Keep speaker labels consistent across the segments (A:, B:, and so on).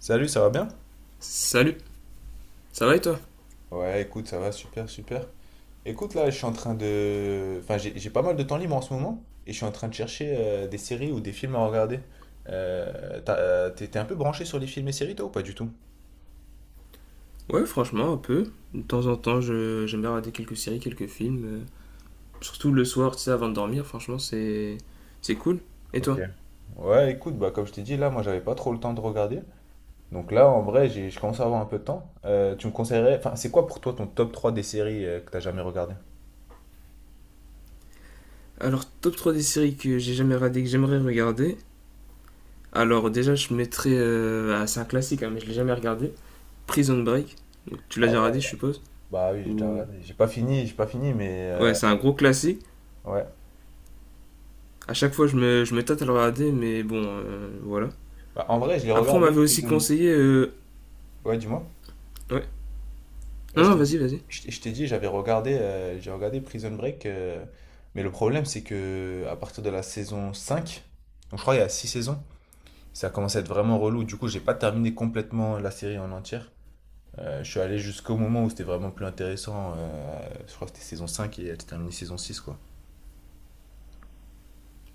A: Salut, ça va bien?
B: Salut, ça va et toi?
A: Ouais, écoute, ça va super, super. Écoute, là, je suis en train de... Enfin, j'ai pas mal de temps libre en ce moment et je suis en train de chercher des séries ou des films à regarder. T'es un peu branché sur les films et séries, toi, ou pas du tout?
B: Ouais, franchement, un peu. De temps en temps, j'aime bien regarder quelques séries, quelques films, surtout le soir, tu sais, avant de dormir, franchement, c'est cool. Et
A: Ok.
B: toi?
A: Ouais, écoute, bah, comme je t'ai dit, là, moi, j'avais pas trop le temps de regarder. Donc là, en vrai, j'ai, je commence à avoir un peu de temps. Tu me conseillerais... Enfin, c'est quoi pour toi ton top 3 des séries que t'as jamais regardé?
B: Alors, top 3 des séries que j'ai jamais regardé, que j'aimerais regarder. Alors, déjà, je mettrais, ah, c'est un classique, hein, mais je l'ai jamais regardé. Prison Break. Donc, tu l'as
A: Ah
B: déjà
A: ouais,
B: regardé, je suppose?
A: bah oui, j'ai déjà
B: Ou...
A: regardé. J'ai pas fini, mais...
B: Ouais, c'est un gros classique.
A: Ouais.
B: À chaque fois, je me tâte à le regarder, mais bon, voilà.
A: Bah, en vrai, je l'ai
B: Après, on
A: regardé,
B: m'avait aussi
A: Prison...
B: conseillé.
A: Ouais, dis-moi.
B: Ouais.
A: Ouais,
B: Non,
A: je
B: non,
A: t'ai
B: vas-y,
A: dit,
B: vas-y.
A: je t'ai dit, j'avais regardé, j'ai regardé Prison Break, mais le problème c'est que à partir de la saison 5, donc je crois qu'il y a 6 saisons, ça a commencé à être vraiment relou. Du coup, j'ai pas terminé complètement la série en entière. Je suis allé jusqu'au moment où c'était vraiment plus intéressant. Je crois que c'était saison 5 et elle s'est terminée saison six quoi.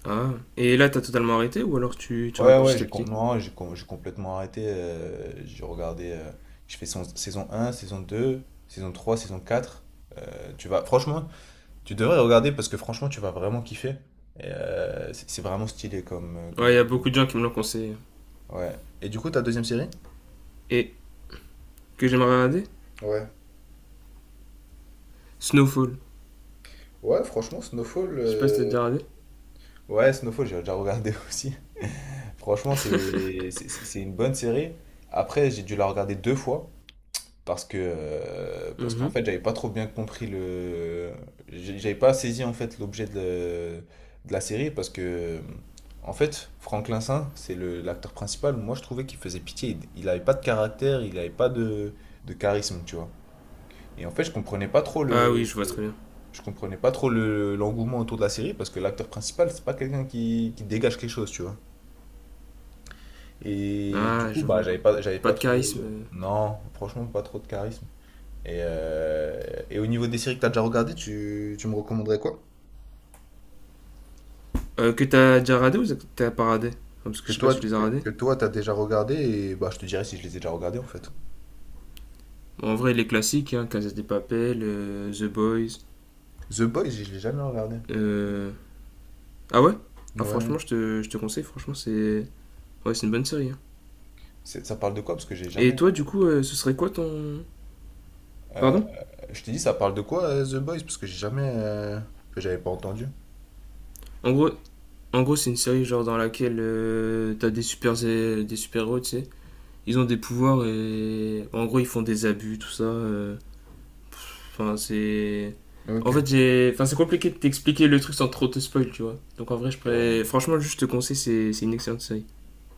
B: Ah, et là, t'as totalement arrêté ou alors tu
A: Ouais,
B: rates
A: ouais,
B: petit à
A: j'ai com-
B: petit?
A: non, j'ai com- j'ai complètement arrêté. J'ai regardé, j'ai fait saison 1, saison 2, saison 3, saison 4. Tu vas, franchement, tu devrais regarder parce que franchement, tu vas vraiment kiffer. Et, c'est vraiment stylé comme,
B: Ouais,
A: comme...
B: y a beaucoup de gens qui me l'ont conseillé.
A: Ouais. Et du coup, ta deuxième série?
B: Et que j'aimerais regarder
A: Ouais.
B: Snowfall.
A: Ouais, franchement, Snowfall.
B: Je sais pas si t'as déjà regardé.
A: Ouais, Snowfall, j'ai déjà regardé aussi. Franchement, c'est une bonne série. Après, j'ai dû la regarder deux fois. Parce que, parce qu'en
B: Mhm.
A: fait, j'avais pas trop bien compris le. J'avais pas saisi en fait l'objet de la série parce que, en fait, Franklin Saint, c'est le, l'acteur principal. Moi, je trouvais qu'il faisait pitié. Il avait pas de caractère, il avait pas de, de charisme, tu vois. Et en fait, je comprenais pas trop
B: Ah
A: le.
B: oui, je vois très bien.
A: Je comprenais pas trop le, l'engouement autour de la série parce que l'acteur principal, c'est pas quelqu'un qui dégage quelque chose, tu vois. Et du
B: Ah,
A: coup,
B: je
A: bah,
B: vois.
A: j'avais
B: Pas
A: pas
B: de
A: trouvé.
B: charisme.
A: Non, franchement, pas trop de charisme. Et au niveau des séries que tu as déjà regardées, tu me recommanderais quoi?
B: Que t'as déjà radé ou t'as pas radé? Ah, parce que
A: Que
B: je sais pas
A: toi,
B: si tu
A: tu,
B: les as radés.
A: que toi, t'as déjà regardé et bah, je te dirais si je les ai déjà regardés en fait.
B: Bon, en vrai, les classiques, hein, Casa de Papel, The Boys.
A: The Boys, je l'ai jamais regardé.
B: Euh... Ah ouais. Ah
A: Ouais.
B: franchement, je te conseille, franchement, c'est... Ouais, c'est une bonne série, hein.
A: C'est- Ça parle de quoi? Parce que j'ai jamais.
B: Et toi, du coup, ce serait quoi ton...
A: euh,
B: Pardon.
A: je t'ai dit, ça parle de quoi The Boys? Parce que j'ai jamais. Que j'avais pas entendu.
B: En gros, En gros, c'est une série genre dans laquelle t'as des super héros, tu sais. Ils ont des pouvoirs et en gros ils font des abus, tout ça. Enfin, c'est. En fait,
A: Ok.
B: j'ai. Enfin, c'est compliqué de t'expliquer le truc sans trop te spoil, tu vois. Donc en vrai, je
A: Et ouais.
B: pourrais. Franchement, juste te conseille, c'est une excellente série.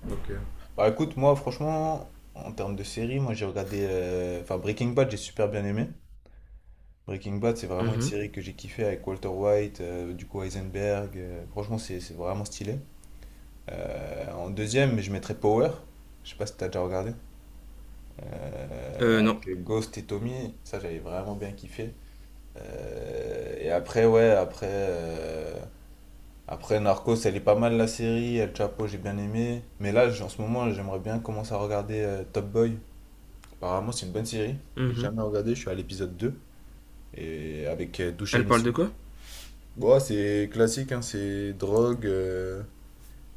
A: Ok. Bah écoute, moi franchement, en termes de série, moi j'ai regardé. Enfin, Breaking Bad, j'ai super bien aimé. Breaking Bad, c'est vraiment une
B: Mhm.
A: série que j'ai kiffé avec Walter White, du coup Heisenberg. Franchement, c'est vraiment stylé. En deuxième, je mettrais Power. Je sais pas si t'as déjà regardé.
B: Non.
A: Avec Ghost et Tommy, ça j'avais vraiment bien kiffé. Et après, ouais, après, après Narcos, elle est pas mal la série. El Chapo, j'ai bien aimé. Mais là, en ce moment, j'aimerais bien commencer à regarder Top Boy. Apparemment, c'est une bonne série. J'ai
B: Mhm.
A: jamais regardé, je suis à l'épisode deux. Et avec
B: Elle
A: Dushane
B: parle de
A: Issoudi.
B: quoi?
A: Bon, c'est classique, hein, c'est drogue,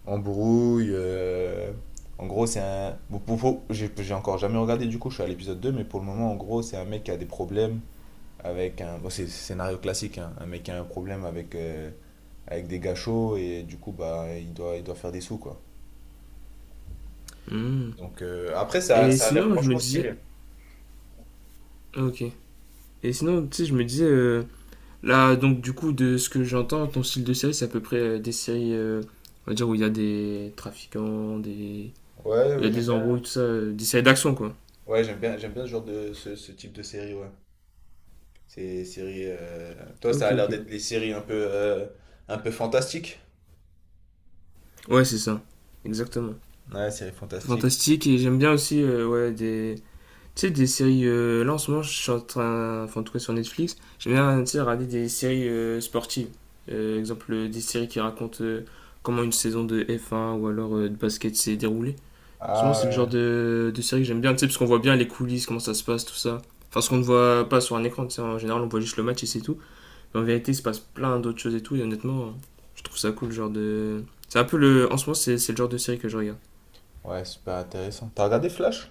A: embrouille. En gros, c'est un. Bon, j'ai encore jamais regardé du coup, je suis à l'épisode 2 mais pour le moment, en gros, c'est un mec qui a des problèmes avec un. Bon, c'est scénario classique, hein, un mec qui a un problème avec, avec des gars chauds et du coup, bah, il doit faire des sous, quoi.
B: Mhm.
A: Donc après, ça,
B: Et
A: ça a l'air
B: sinon, je me
A: franchement
B: disais.
A: stylé.
B: Ok. Et sinon, tu sais, je me disais. Là, donc, du coup, de ce que j'entends, ton style de série, c'est à peu près des séries, on va dire, où il y a des trafiquants, des...
A: Ouais, ouais,
B: où il y
A: ouais,
B: a
A: j'aime
B: des
A: bien.
B: embrouilles, tout ça, des séries d'action, quoi.
A: Ouais, j'aime bien ce genre de ce, ce type de série, ouais. Ces séries. Toi, ça
B: Ok,
A: a l'air
B: ok.
A: d'être des séries un peu fantastiques.
B: Ouais, c'est ça. Exactement.
A: Ouais, série fantastique.
B: Fantastique, et j'aime bien aussi, ouais, des... Tu sais, des séries... là, en ce moment, je suis en train... Enfin, en tout cas, sur Netflix, j'aime bien, tu sais, regarder des séries sportives. Exemple, des séries qui racontent comment une saison de F1 ou alors de basket s'est déroulée. En ce moment,
A: Ah
B: c'est le genre
A: ouais.
B: de série que j'aime bien, tu sais, parce qu'on voit bien les coulisses, comment ça se passe, tout ça. Enfin, ce qu'on ne voit pas sur un écran, tu sais, en général, on voit juste le match et c'est tout. Mais en vérité, il se passe plein d'autres choses et tout, et honnêtement, je trouve ça cool, le genre de. C'est un peu le. En ce moment, c'est le genre de série que je regarde.
A: Ouais, super intéressant. T'as regardé Flash?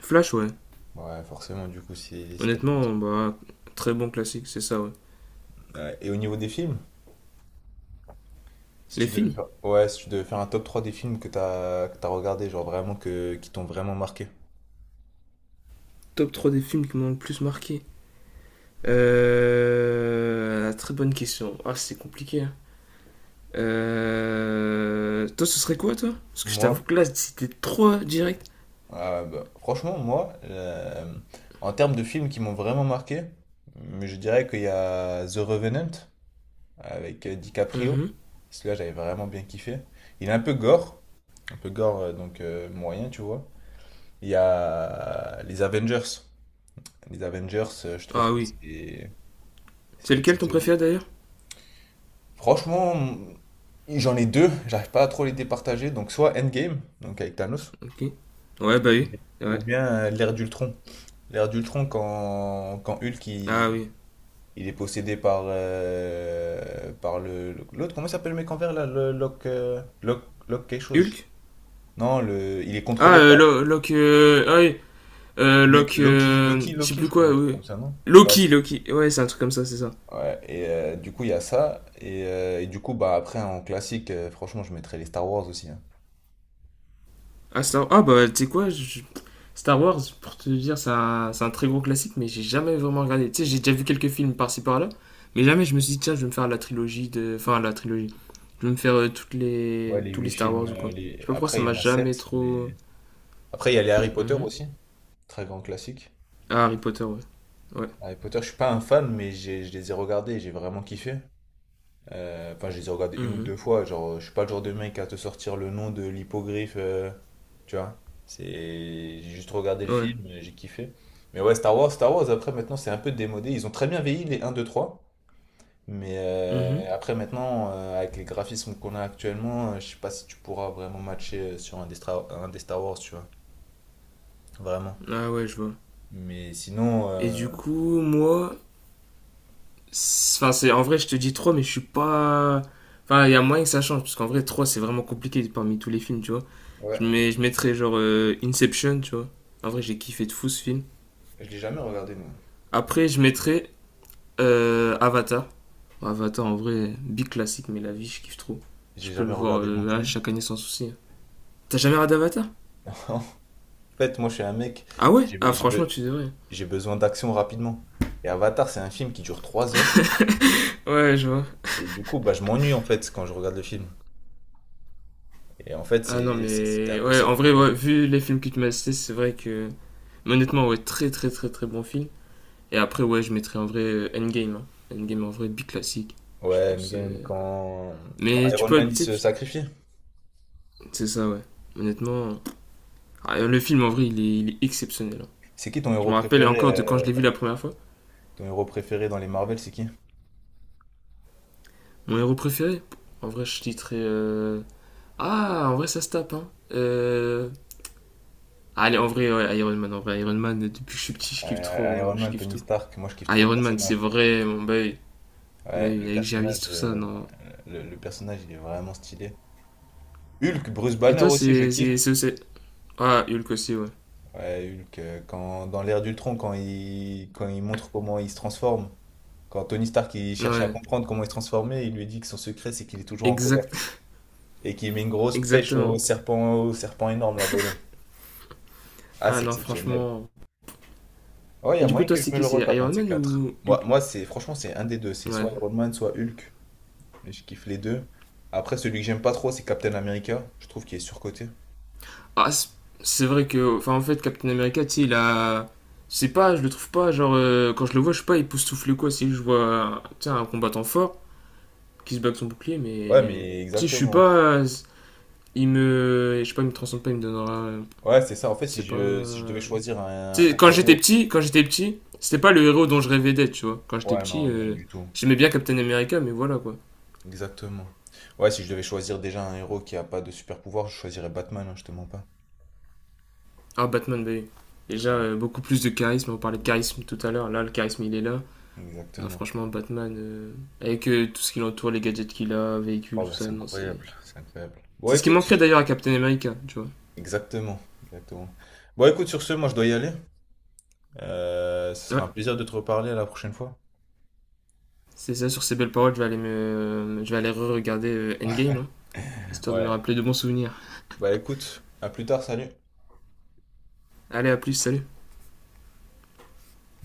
B: Flash, ouais.
A: Ouais, forcément, du coup, si, si t'aimes bien.
B: Honnêtement, bah, très bon classique, c'est ça, ouais.
A: Ouais, et au niveau des films, si
B: Les
A: tu devais
B: films.
A: faire... Ouais, si tu devais faire un top 3 des films que t'as regardé, genre vraiment que qui t'ont vraiment marqué.
B: Top 3 des films qui m'ont le plus marqué. Très bonne question. Ah, c'est compliqué, hein. Toi, ce serait quoi, toi? Parce que je t'avoue
A: Moi,
B: que là, c'était trop direct.
A: bah, franchement, moi, en termes de films qui m'ont vraiment marqué, mais je dirais qu'il y a The Revenant avec DiCaprio.
B: Mhm.
A: Celui-là, j'avais vraiment bien kiffé. Il est un peu gore, donc moyen, tu vois. Il y a les Avengers. Les Avengers, je trouve
B: Ah
A: que
B: oui.
A: c'est
B: C'est
A: c'est
B: lequel ton
A: exceptionnel.
B: préféré d'ailleurs?
A: Franchement, j'en ai deux, j'arrive pas à trop les départager. Donc soit Endgame, donc avec Thanos,
B: Ok. Ouais, bah oui. Ouais.
A: ou bien l'ère d'Ultron. L'ère d'Ultron, quand, quand Hulk
B: Ah oui.
A: il est possédé par, par le, l'autre, comment il s'appelle le mec en vert là? Le Locke, Locke, Locke quelque chose.
B: Hulk.
A: Non, le, il est contrôlé par
B: Lo- Locke, ah oui.
A: Luke,
B: Locke.
A: Loki, Loki,
B: Je sais
A: Loki,
B: plus
A: je crois,
B: quoi,
A: un truc
B: oui, oui.
A: comme ça, non?
B: Loki, Loki. Ouais, c'est un truc comme ça, c'est ça.
A: Ouais, et du coup, il y a ça. Et du coup, bah après, en classique, franchement, je mettrais les Star Wars aussi. Hein.
B: Ah, Star. Ah, bah, tu sais quoi je- Star Wars, pour te dire, c'est c'est un très gros classique, mais j'ai jamais vraiment regardé. Tu sais, j'ai déjà vu quelques films par-ci par-là, mais jamais je me suis dit, tiens, je vais me faire la trilogie de. Enfin, la trilogie. Je vais me faire toutes
A: Ouais,
B: les...
A: les
B: tous les
A: huit
B: Star
A: films.
B: Wars ou quoi. Je
A: Les...
B: sais pas pourquoi
A: Après,
B: ça
A: il y
B: m'a
A: en a sept,
B: jamais
A: mais...
B: trop.
A: Après, il y a les Harry Potter
B: Mhm.
A: aussi. Très grand classique.
B: Ah, Harry Potter, ouais. Ouais.
A: Harry Potter, je suis pas un fan, mais je les ai regardés et j'ai vraiment kiffé. Enfin, je les ai regardés une ou
B: Mhm.
A: deux fois. Genre, je suis pas le genre de mec à te sortir le nom de l'hippogriffe, tu vois. C'est, j'ai juste regardé le
B: Ouais.
A: film, j'ai kiffé. Mais ouais, Star Wars, Star Wars, après maintenant, c'est un peu démodé. Ils ont très bien vieilli les un 2 trois. Mais
B: Mhm.
A: après maintenant, avec les graphismes qu'on a actuellement, je sais pas si tu pourras vraiment matcher sur un des, un des Star Wars, tu vois. Vraiment.
B: Ah ouais, je vois.
A: Mais sinon,
B: Et du coup, moi, c'est- enfin, c'est en vrai, je te dis 3 mais je suis pas. Enfin, il y a moyen que ça change, parce qu'en vrai, 3 c'est vraiment compliqué parmi tous les films, tu vois.
A: ouais,
B: Je, mets... je mettrais genre Inception, tu vois. En vrai, j'ai kiffé de fou ce film.
A: je l'ai jamais regardé, non.
B: Après, je mettrais Avatar. Bon, Avatar, en vrai, big classique, mais la vie, je kiffe trop. Je
A: J'ai
B: peux le
A: jamais
B: voir
A: regardé non
B: là,
A: plus.
B: chaque année sans souci. T'as jamais regardé Avatar?
A: En fait, moi, je suis un mec,
B: Ah ouais?
A: j'ai,
B: Ah,
A: j'ai,
B: franchement, tu devrais.
A: j'ai besoin d'action rapidement. Et Avatar, c'est un film qui dure trois heures.
B: Ouais, je vois.
A: Et du coup, bah, je m'ennuie en fait quand je regarde le film. Et en fait,
B: Ah non,
A: c'est un
B: mais
A: peu
B: ouais,
A: ça le
B: en vrai,
A: problème.
B: ouais, vu les films que tu m'as cités, c'est vrai que. Mais honnêtement, ouais, très très très très bon film. Et après, ouais, je mettrais en vrai Endgame, hein. Endgame en vrai, big classique. Je
A: Ouais,
B: pense.
A: Endgame,
B: euh,
A: quand, quand
B: Mais tu
A: Iron
B: peux.
A: Man
B: Tu
A: il
B: sais,
A: se
B: tu-
A: sacrifie.
B: C'est ça, ouais. Honnêtement. Ah, le film en vrai, il est exceptionnel, hein.
A: C'est qui
B: Je me rappelle encore de quand je l'ai vu la première fois.
A: ton héros préféré dans les Marvel, c'est qui?
B: Mon héros préféré. En vrai, je titrais. Ah, en vrai, ça se tape, hein. Allez, en vrai, ouais, Iron Man. En vrai, Iron Man, depuis que je suis petit, je kiffe trop.
A: Iron
B: Je
A: Man,
B: kiffe
A: Tony
B: tout.
A: Stark, moi je kiffe trop le
B: Iron Man, c'est
A: personnage.
B: vrai, mon boy. Mais
A: Ouais,
B: oui, avec Jarvis, tout ça, non.
A: le personnage il est vraiment stylé. Hulk, Bruce
B: Et
A: Banner
B: toi,
A: aussi, je
B: c'est.
A: kiffe.
B: C'est- Ah, Hulk aussi, ouais.
A: Ouais, Hulk, quand, dans l'ère d'Ultron, quand il montre comment il se transforme. Quand Tony Stark il cherchait à
B: Ouais,
A: comprendre comment il se transformait, il lui dit que son secret c'est qu'il est toujours en colère
B: exact...
A: et qu'il met une grosse pêche
B: exactement.
A: au serpent énorme là volant. Ah,
B: Ah
A: c'est
B: non,
A: exceptionnel.
B: franchement.
A: Ouais, il y
B: Et
A: a
B: du coup,
A: moyen
B: toi,
A: que je
B: c'est
A: me
B: qui?
A: le
B: C'est
A: retape, un
B: Iron
A: de ces
B: Man
A: quatre.
B: ou
A: Moi,
B: Hulk?
A: moi c'est franchement c'est un des deux, c'est
B: Ouais.
A: soit Iron Man, soit Hulk. Et je kiffe les deux. Après, celui que j'aime pas trop, c'est Captain America. Je trouve qu'il est surcoté.
B: Ah, c'est vrai que. Enfin, en fait, Captain America, tu sais, il a. C'est pas, je le trouve pas, genre, quand je le vois, je sais pas, il souffle quoi. Si je vois, tu sais, un combattant fort qui se bat avec son bouclier,
A: Ouais,
B: mais.
A: mais
B: Tu sais, je suis pas.
A: exactement.
B: Il me. Je sais pas, il me transcende pas, il me donnera.
A: Ouais, c'est ça. En fait, si
B: C'est pas.
A: je, si je devais choisir
B: Tu sais,
A: un héros.
B: quand j'étais petit, c'était pas le héros dont je rêvais d'être, tu vois. Quand j'étais
A: Ouais,
B: petit,
A: non, ouais, du tout.
B: j'aimais bien Captain America, mais voilà quoi.
A: Exactement. Ouais, si je devais choisir déjà un héros qui a pas de super pouvoir, je choisirais Batman, hein, je te mens pas.
B: Ah, Batman, bah, oui. Déjà
A: Ouais,
B: beaucoup plus de charisme. On parlait de charisme tout à l'heure. Là, le charisme, il est là. Non,
A: exactement.
B: franchement, Batman, avec tout ce qui l'entoure, les gadgets qu'il a, véhicules,
A: Oh,
B: tout
A: bah,
B: ça,
A: c'est
B: non, c'est.
A: incroyable, c'est incroyable. Bon,
B: C'est ce qui
A: écoute,
B: manquerait d'ailleurs à Captain America, tu vois.
A: exactement, exactement. Bon, écoute, sur ce, moi, je dois y aller. Ce sera un
B: Ouais,
A: plaisir de te reparler à la prochaine fois.
B: c'est ça, sur ces belles paroles, je vais aller, me... je vais aller re-regarder Endgame, hein, histoire de me
A: Ouais,
B: rappeler de bons souvenirs.
A: bah, écoute, à plus tard, salut.
B: Allez, à plus, salut!